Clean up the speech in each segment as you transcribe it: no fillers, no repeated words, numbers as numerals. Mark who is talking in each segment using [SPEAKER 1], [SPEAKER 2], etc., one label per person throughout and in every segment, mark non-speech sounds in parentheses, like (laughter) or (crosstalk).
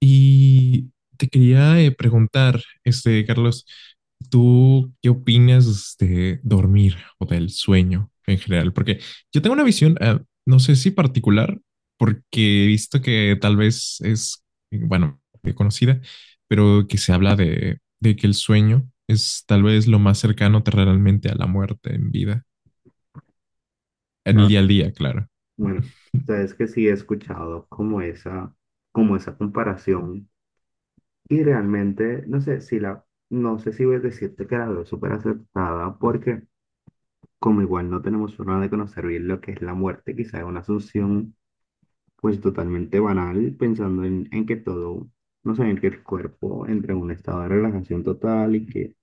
[SPEAKER 1] Y te quería preguntar, este, Carlos, ¿tú qué opinas de dormir o del sueño en general? Porque yo tengo una visión, no sé si particular, porque he visto que tal vez es, bueno, conocida, pero que se habla de que el sueño es tal vez lo más cercano terrenalmente a la muerte en vida,
[SPEAKER 2] O
[SPEAKER 1] en el
[SPEAKER 2] sea,
[SPEAKER 1] día a día, claro.
[SPEAKER 2] bueno, sabes que sí he escuchado como esa comparación y realmente, no sé si la, no sé si voy a decirte que la veo súper aceptada, porque como igual no tenemos forma de conocer bien lo que es la muerte, quizá es una asunción pues totalmente banal pensando en que todo, no sé, en que el cuerpo entra en un estado de relajación total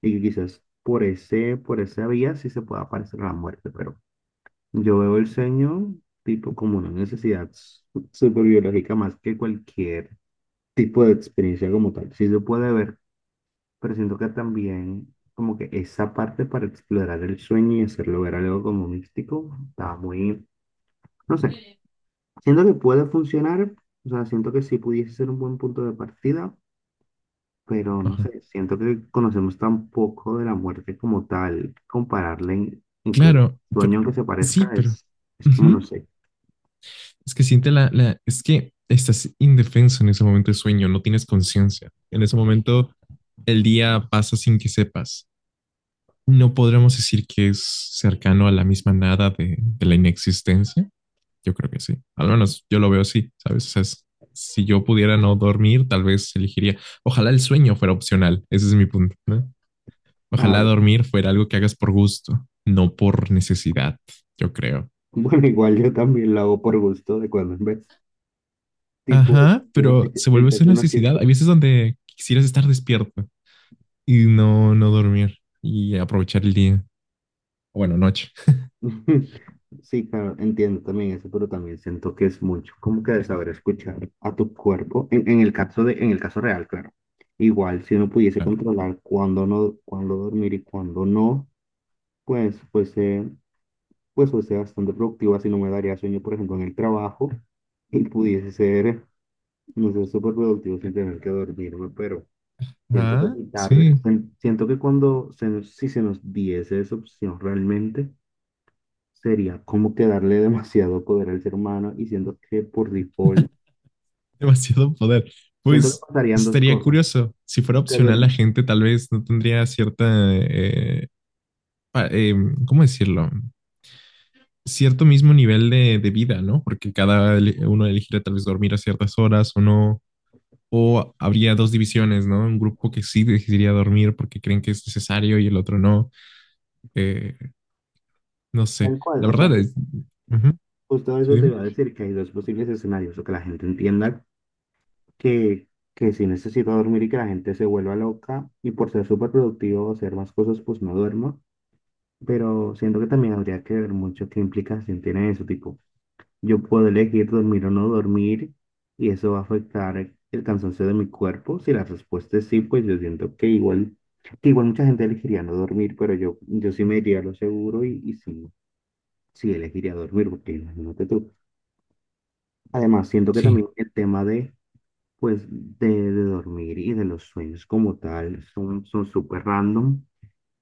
[SPEAKER 2] y que quizás por ese, por esa vía sí se pueda aparecer la muerte, pero yo veo el sueño tipo como una necesidad súper biológica más que cualquier tipo de experiencia como tal. Sí se puede ver, pero siento que también como que esa parte para explorar el sueño y hacerlo ver algo como místico, está muy, no sé, siento que puede funcionar, o sea, siento que sí pudiese ser un buen punto de partida, pero no
[SPEAKER 1] Ajá.
[SPEAKER 2] sé, siento que conocemos tan poco de la muerte como tal, compararle incluso
[SPEAKER 1] Claro, pero,
[SPEAKER 2] sueño que se
[SPEAKER 1] sí,
[SPEAKER 2] parezca
[SPEAKER 1] pero...
[SPEAKER 2] es como, no
[SPEAKER 1] Ujú.
[SPEAKER 2] sé.
[SPEAKER 1] Es que siente es que estás indefenso en ese momento de sueño, no tienes conciencia. En ese momento el día pasa sin que sepas. No podremos decir que es cercano a la misma nada de la inexistencia. Yo creo que sí. Al menos yo lo veo así, ¿sabes? O sea, si yo pudiera no dormir, tal vez elegiría. Ojalá el sueño fuera opcional. Ese es mi punto, ¿no?
[SPEAKER 2] Ah,
[SPEAKER 1] Ojalá dormir fuera algo que hagas por gusto, no por necesidad, yo creo.
[SPEAKER 2] (laughs) bueno, igual yo también lo hago por gusto de cuando en vez, tipo,
[SPEAKER 1] Ajá,
[SPEAKER 2] el que
[SPEAKER 1] pero
[SPEAKER 2] hace una
[SPEAKER 1] se vuelve eso una necesidad.
[SPEAKER 2] fiesta.
[SPEAKER 1] Hay veces donde quisieras estar despierto y no dormir y aprovechar el día. Bueno, noche,
[SPEAKER 2] (laughs) Sí, claro, entiendo también eso, pero también siento que es mucho como que de saber escuchar a tu cuerpo, en el caso de, en el caso real, claro. Igual, si uno pudiese
[SPEAKER 1] claro.
[SPEAKER 2] controlar cuándo no, cuándo dormir y cuándo no, pues fuese, pues fuese bastante productiva, si no me daría sueño, por ejemplo, en el trabajo, y pudiese ser, no sé, súper productivo sin tener que dormirme, pero... Siento que
[SPEAKER 1] Ah,
[SPEAKER 2] quitarle,
[SPEAKER 1] sí,
[SPEAKER 2] siento que cuando si se nos diese esa opción realmente, sería como que darle (laughs) demasiado poder al ser humano y siento que por default,
[SPEAKER 1] (laughs) demasiado poder.
[SPEAKER 2] siento que
[SPEAKER 1] Pues
[SPEAKER 2] pasarían dos
[SPEAKER 1] estaría
[SPEAKER 2] cosas.
[SPEAKER 1] curioso. Si fuera
[SPEAKER 2] Que
[SPEAKER 1] opcional, la
[SPEAKER 2] dur-
[SPEAKER 1] gente tal vez no tendría cierta, eh, pa- eh, ¿cómo decirlo? Cierto mismo nivel de vida, ¿no? Porque cada uno elegiría tal vez dormir a ciertas horas o no. O habría dos divisiones, ¿no? Un grupo que sí decidiría dormir porque creen que es necesario y el otro no. Eh, no sé.
[SPEAKER 2] Tal cual,
[SPEAKER 1] La
[SPEAKER 2] o sea,
[SPEAKER 1] verdad es... Ujú.
[SPEAKER 2] justo
[SPEAKER 1] Sí,
[SPEAKER 2] eso te
[SPEAKER 1] dime.
[SPEAKER 2] iba a decir, que hay dos posibles escenarios, o que la gente entienda que, que sí necesito dormir y que la gente se vuelva loca y por ser súper productivo o hacer más cosas, pues no duermo. Pero siento que también habría que ver mucho qué implicación tiene eso, tipo. Yo puedo elegir dormir o no dormir y eso va a afectar el cansancio de mi cuerpo. Si la respuesta es sí, pues yo siento que igual mucha gente elegiría no dormir, pero yo sí me iría a lo seguro y sí, sí elegiría dormir, porque imagínate tú. Además, siento que
[SPEAKER 1] Sí.
[SPEAKER 2] también el tema de, pues, de dormir y de los sueños como tal son, son súper random,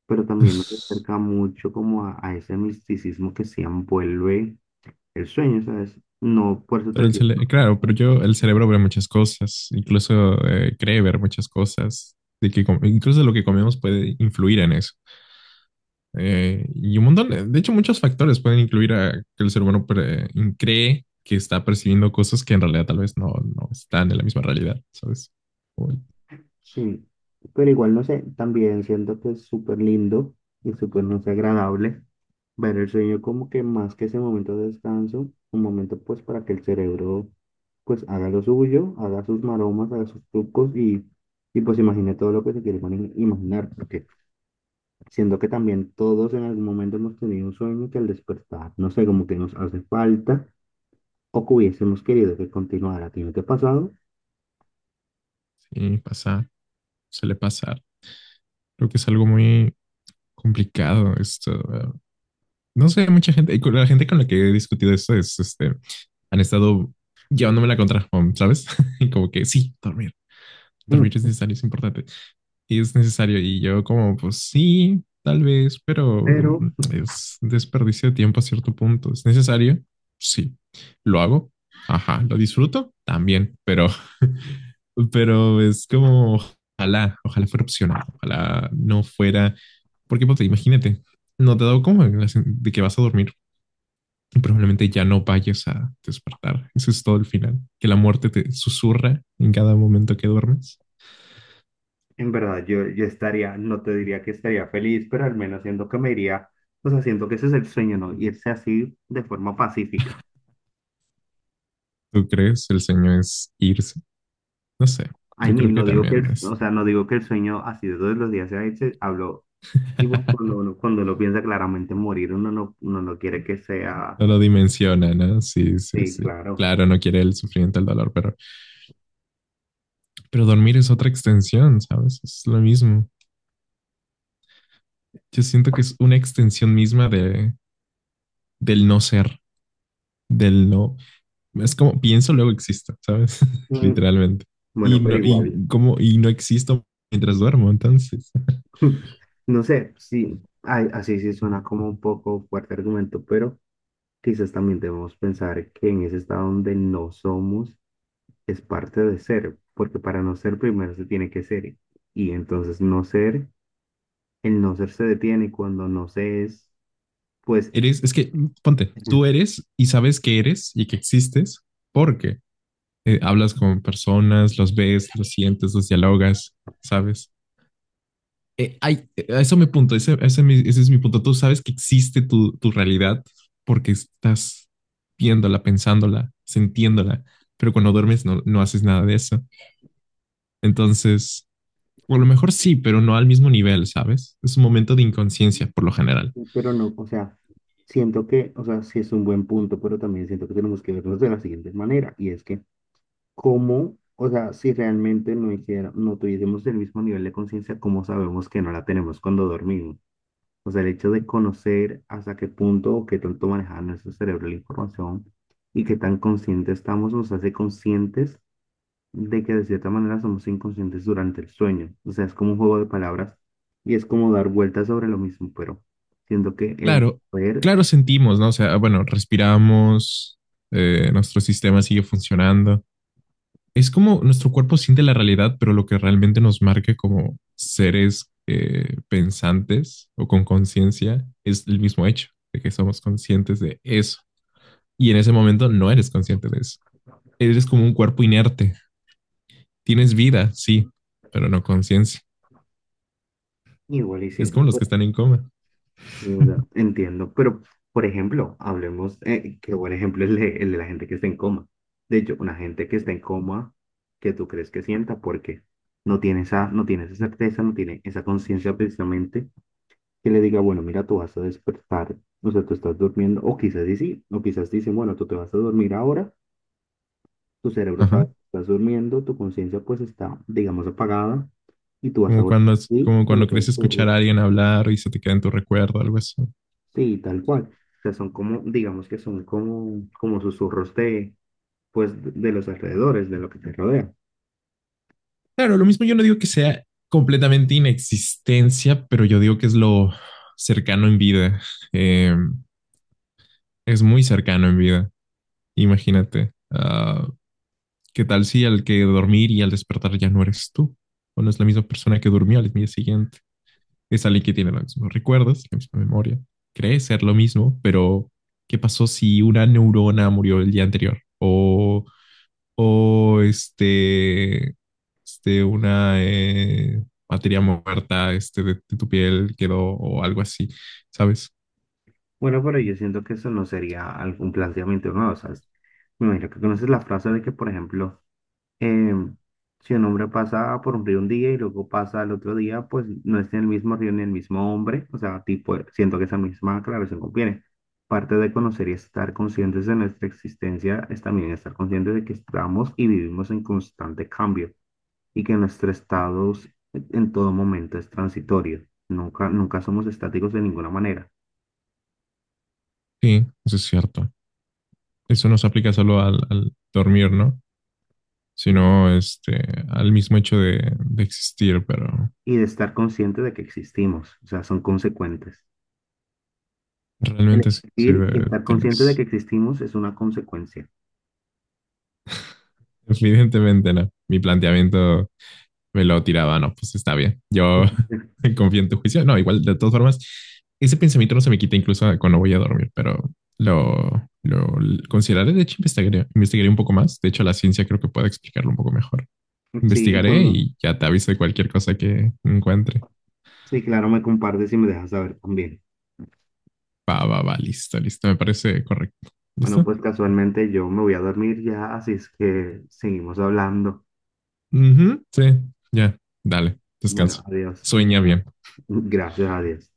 [SPEAKER 2] pero también nos acerca
[SPEAKER 1] (laughs)
[SPEAKER 2] mucho como a ese misticismo que se envuelve el sueño, ¿sabes? No, por eso te
[SPEAKER 1] Pero
[SPEAKER 2] decía.
[SPEAKER 1] claro, pero
[SPEAKER 2] No,
[SPEAKER 1] yo, el cerebro ve muchas cosas, incluso cree ver muchas cosas, de que incluso lo que comemos puede influir en eso. Y un montón, de hecho, muchos factores pueden incluir a que el ser humano cree que está percibiendo cosas que en realidad tal vez no, no están en la misma realidad, ¿sabes? Uy,
[SPEAKER 2] sí, pero igual no sé, también siento que es súper lindo y súper, no sé, agradable, ver el sueño como que más que ese momento de descanso, un momento pues para que el cerebro pues haga lo suyo, haga sus maromas, haga sus trucos y pues imagine todo lo que se quiere imaginar, porque siento que también todos en algún momento hemos tenido un sueño que al despertar, no sé, como que nos hace falta o que hubiésemos querido que continuara, ¿tiene que no pasado?
[SPEAKER 1] sí, pasa. Suele pasar. Creo que es algo muy complicado esto. No sé, mucha gente, y con la gente con la que he discutido esto es, este, han estado llevándome la contra, ¿sabes? (laughs) Y como que sí, dormir es
[SPEAKER 2] (laughs)
[SPEAKER 1] necesario, es importante y es necesario. Y yo como, pues sí, tal vez, pero
[SPEAKER 2] Pero
[SPEAKER 1] es desperdicio de tiempo a cierto punto. ¿Es necesario? Sí. ¿Lo hago? Ajá. ¿Lo disfruto? También, pero, (laughs) pero es como, ojalá, ojalá fuera opcional, ojalá no fuera, porque pues, imagínate, no te da como de que vas a dormir y probablemente ya no vayas a despertar. Eso es todo el final, que la muerte te susurra en cada momento que duermes.
[SPEAKER 2] en verdad, yo estaría, no te diría que estaría feliz, pero al menos siento que me iría, o sea, siento que ese es el sueño, ¿no? Irse así de forma pacífica.
[SPEAKER 1] ¿Tú crees? El sueño es irse. No sé,
[SPEAKER 2] I
[SPEAKER 1] yo creo
[SPEAKER 2] mean,
[SPEAKER 1] que
[SPEAKER 2] no digo que,
[SPEAKER 1] también es.
[SPEAKER 2] o sea, no digo que el sueño así de todos los días sea ese, hablo, digo,
[SPEAKER 1] (laughs)
[SPEAKER 2] cuando uno piensa claramente morir, uno no quiere que sea,
[SPEAKER 1] No lo dimensiona, ¿no? Sí, sí,
[SPEAKER 2] sí,
[SPEAKER 1] sí.
[SPEAKER 2] claro.
[SPEAKER 1] Claro, no quiere el sufrimiento, el dolor, pero dormir es otra extensión, ¿sabes? Es lo mismo. Yo siento que es una extensión misma de, del no ser, del no. Es como pienso, luego existo, ¿sabes? (laughs)
[SPEAKER 2] Mm,
[SPEAKER 1] Literalmente. Y
[SPEAKER 2] bueno, pero
[SPEAKER 1] no, y
[SPEAKER 2] igual,
[SPEAKER 1] como, y no existo mientras duermo, entonces.
[SPEAKER 2] (laughs) no sé, sí, ay, así sí suena como un poco fuerte argumento, pero quizás también debemos pensar que en ese estado donde no somos, es parte de ser, porque para no ser primero se tiene que ser. Y entonces no ser, el no ser se detiene y cuando no se es, pues,
[SPEAKER 1] Eres, es que, ponte, tú
[SPEAKER 2] (laughs)
[SPEAKER 1] eres y sabes que eres y que existes porque hablas con personas, los ves, los sientes, los dialogas, ¿sabes? Ay, eso me punto, ese, ese es mi punto. Tú sabes que existe tu realidad porque estás viéndola, pensándola, sintiéndola, pero cuando duermes no, no haces nada de eso. Entonces, o a lo mejor sí, pero no al mismo nivel, ¿sabes? Es un momento de inconsciencia por lo general.
[SPEAKER 2] pero no, o sea, siento que, o sea, sí es un buen punto, pero también siento que tenemos que vernos de la siguiente manera, y es que, ¿cómo, o sea, si realmente no hiciera, no tuviésemos el mismo nivel de conciencia, cómo sabemos que no la tenemos cuando dormimos? O sea, el hecho de conocer hasta qué punto o qué tanto maneja nuestro cerebro la información y qué tan conscientes estamos nos hace conscientes de que de cierta manera somos inconscientes durante el sueño. O sea, es como un juego de palabras y es como dar vueltas sobre lo mismo, pero siento que el
[SPEAKER 1] Claro,
[SPEAKER 2] poder
[SPEAKER 1] claro sentimos, ¿no? O sea, bueno, respiramos, nuestro sistema sigue funcionando, es como nuestro cuerpo siente la realidad, pero lo que realmente nos marca como seres pensantes o con conciencia es el mismo hecho de que somos conscientes de eso. Y en ese momento no eres consciente de eso. Eres como un cuerpo inerte. Tienes vida, sí, pero no conciencia.
[SPEAKER 2] igual y
[SPEAKER 1] Es como
[SPEAKER 2] siento.
[SPEAKER 1] los que están en coma.
[SPEAKER 2] Sí, o sea, entiendo, pero por ejemplo, hablemos, qué buen ejemplo es el de la gente que está en coma. De hecho, una gente que está en coma, que tú crees que sienta, porque no tiene esa, no tiene esa certeza, no tiene esa conciencia precisamente que le diga, bueno, mira, tú vas a despertar, o sea, tú estás durmiendo, o quizás y sí, o quizás dicen, bueno, tú te vas a dormir ahora, tu cerebro sabe
[SPEAKER 1] Ajá.
[SPEAKER 2] que estás durmiendo, tu conciencia pues está, digamos, apagada, y tú vas a
[SPEAKER 1] Como
[SPEAKER 2] volver,
[SPEAKER 1] cuando,
[SPEAKER 2] y
[SPEAKER 1] como cuando
[SPEAKER 2] cuando te vas
[SPEAKER 1] crees
[SPEAKER 2] a
[SPEAKER 1] escuchar a
[SPEAKER 2] dormir.
[SPEAKER 1] alguien hablar y se te queda en tu recuerdo, algo así.
[SPEAKER 2] Sí, tal cual. O sea, son como, digamos que son como, como susurros de, pues, de los alrededores, de lo que te rodea.
[SPEAKER 1] Claro, lo mismo yo no digo que sea completamente inexistencia, pero yo digo que es lo cercano en vida. Eh, es muy cercano en vida. Imagínate. ¿Qué tal si al que dormir y al despertar ya no eres tú? O no es la misma persona que durmió al día siguiente. Es alguien que tiene los mismos recuerdos, la misma memoria. Cree ser lo mismo, pero ¿qué pasó si una neurona murió el día anterior? O este, este una materia muerta este, de tu piel quedó o algo así, ¿sabes?
[SPEAKER 2] Bueno, pero yo siento que eso no sería algún planteamiento nuevo, ¿sabes? Me imagino que conoces la frase de que, por ejemplo, em, si un hombre pasa por un río un día y luego pasa al otro día, pues no es ni el mismo río ni el mismo hombre. O sea, tipo, siento que esa misma aclaración conviene. Parte de conocer y estar conscientes de nuestra existencia es también estar conscientes de que estamos y vivimos en constante cambio, y que nuestro estado en todo momento es transitorio. Nunca, nunca somos estáticos de ninguna manera.
[SPEAKER 1] Sí, eso es cierto. Eso no se aplica solo al dormir, ¿no? Sino este, al mismo hecho de existir, pero
[SPEAKER 2] Y de estar consciente de que existimos, o sea, son consecuentes. El
[SPEAKER 1] realmente sí, sí,
[SPEAKER 2] existir y estar consciente de que
[SPEAKER 1] tienes.
[SPEAKER 2] existimos es una consecuencia.
[SPEAKER 1] Evidentemente no. Mi planteamiento me lo tiraba, no, pues está bien. Yo
[SPEAKER 2] (laughs)
[SPEAKER 1] (laughs) confío en tu juicio. No, igual, de todas formas, ese pensamiento no se me quita incluso cuando voy a dormir, pero lo consideraré. De hecho, investigaré, investigaré un poco más. De hecho, la ciencia creo que puede explicarlo un poco mejor.
[SPEAKER 2] Sí,
[SPEAKER 1] Investigaré
[SPEAKER 2] cuando,
[SPEAKER 1] y ya te aviso de cualquier cosa que encuentre.
[SPEAKER 2] sí, claro, me compartes y me dejas saber también.
[SPEAKER 1] Va, va, va, listo, listo. Me parece correcto.
[SPEAKER 2] Bueno,
[SPEAKER 1] ¿Listo?
[SPEAKER 2] pues casualmente yo me voy a dormir ya, así es que seguimos hablando.
[SPEAKER 1] Ujú, sí, ya, dale, descanso.
[SPEAKER 2] Bueno, adiós.
[SPEAKER 1] Sueña bien.
[SPEAKER 2] Gracias, adiós.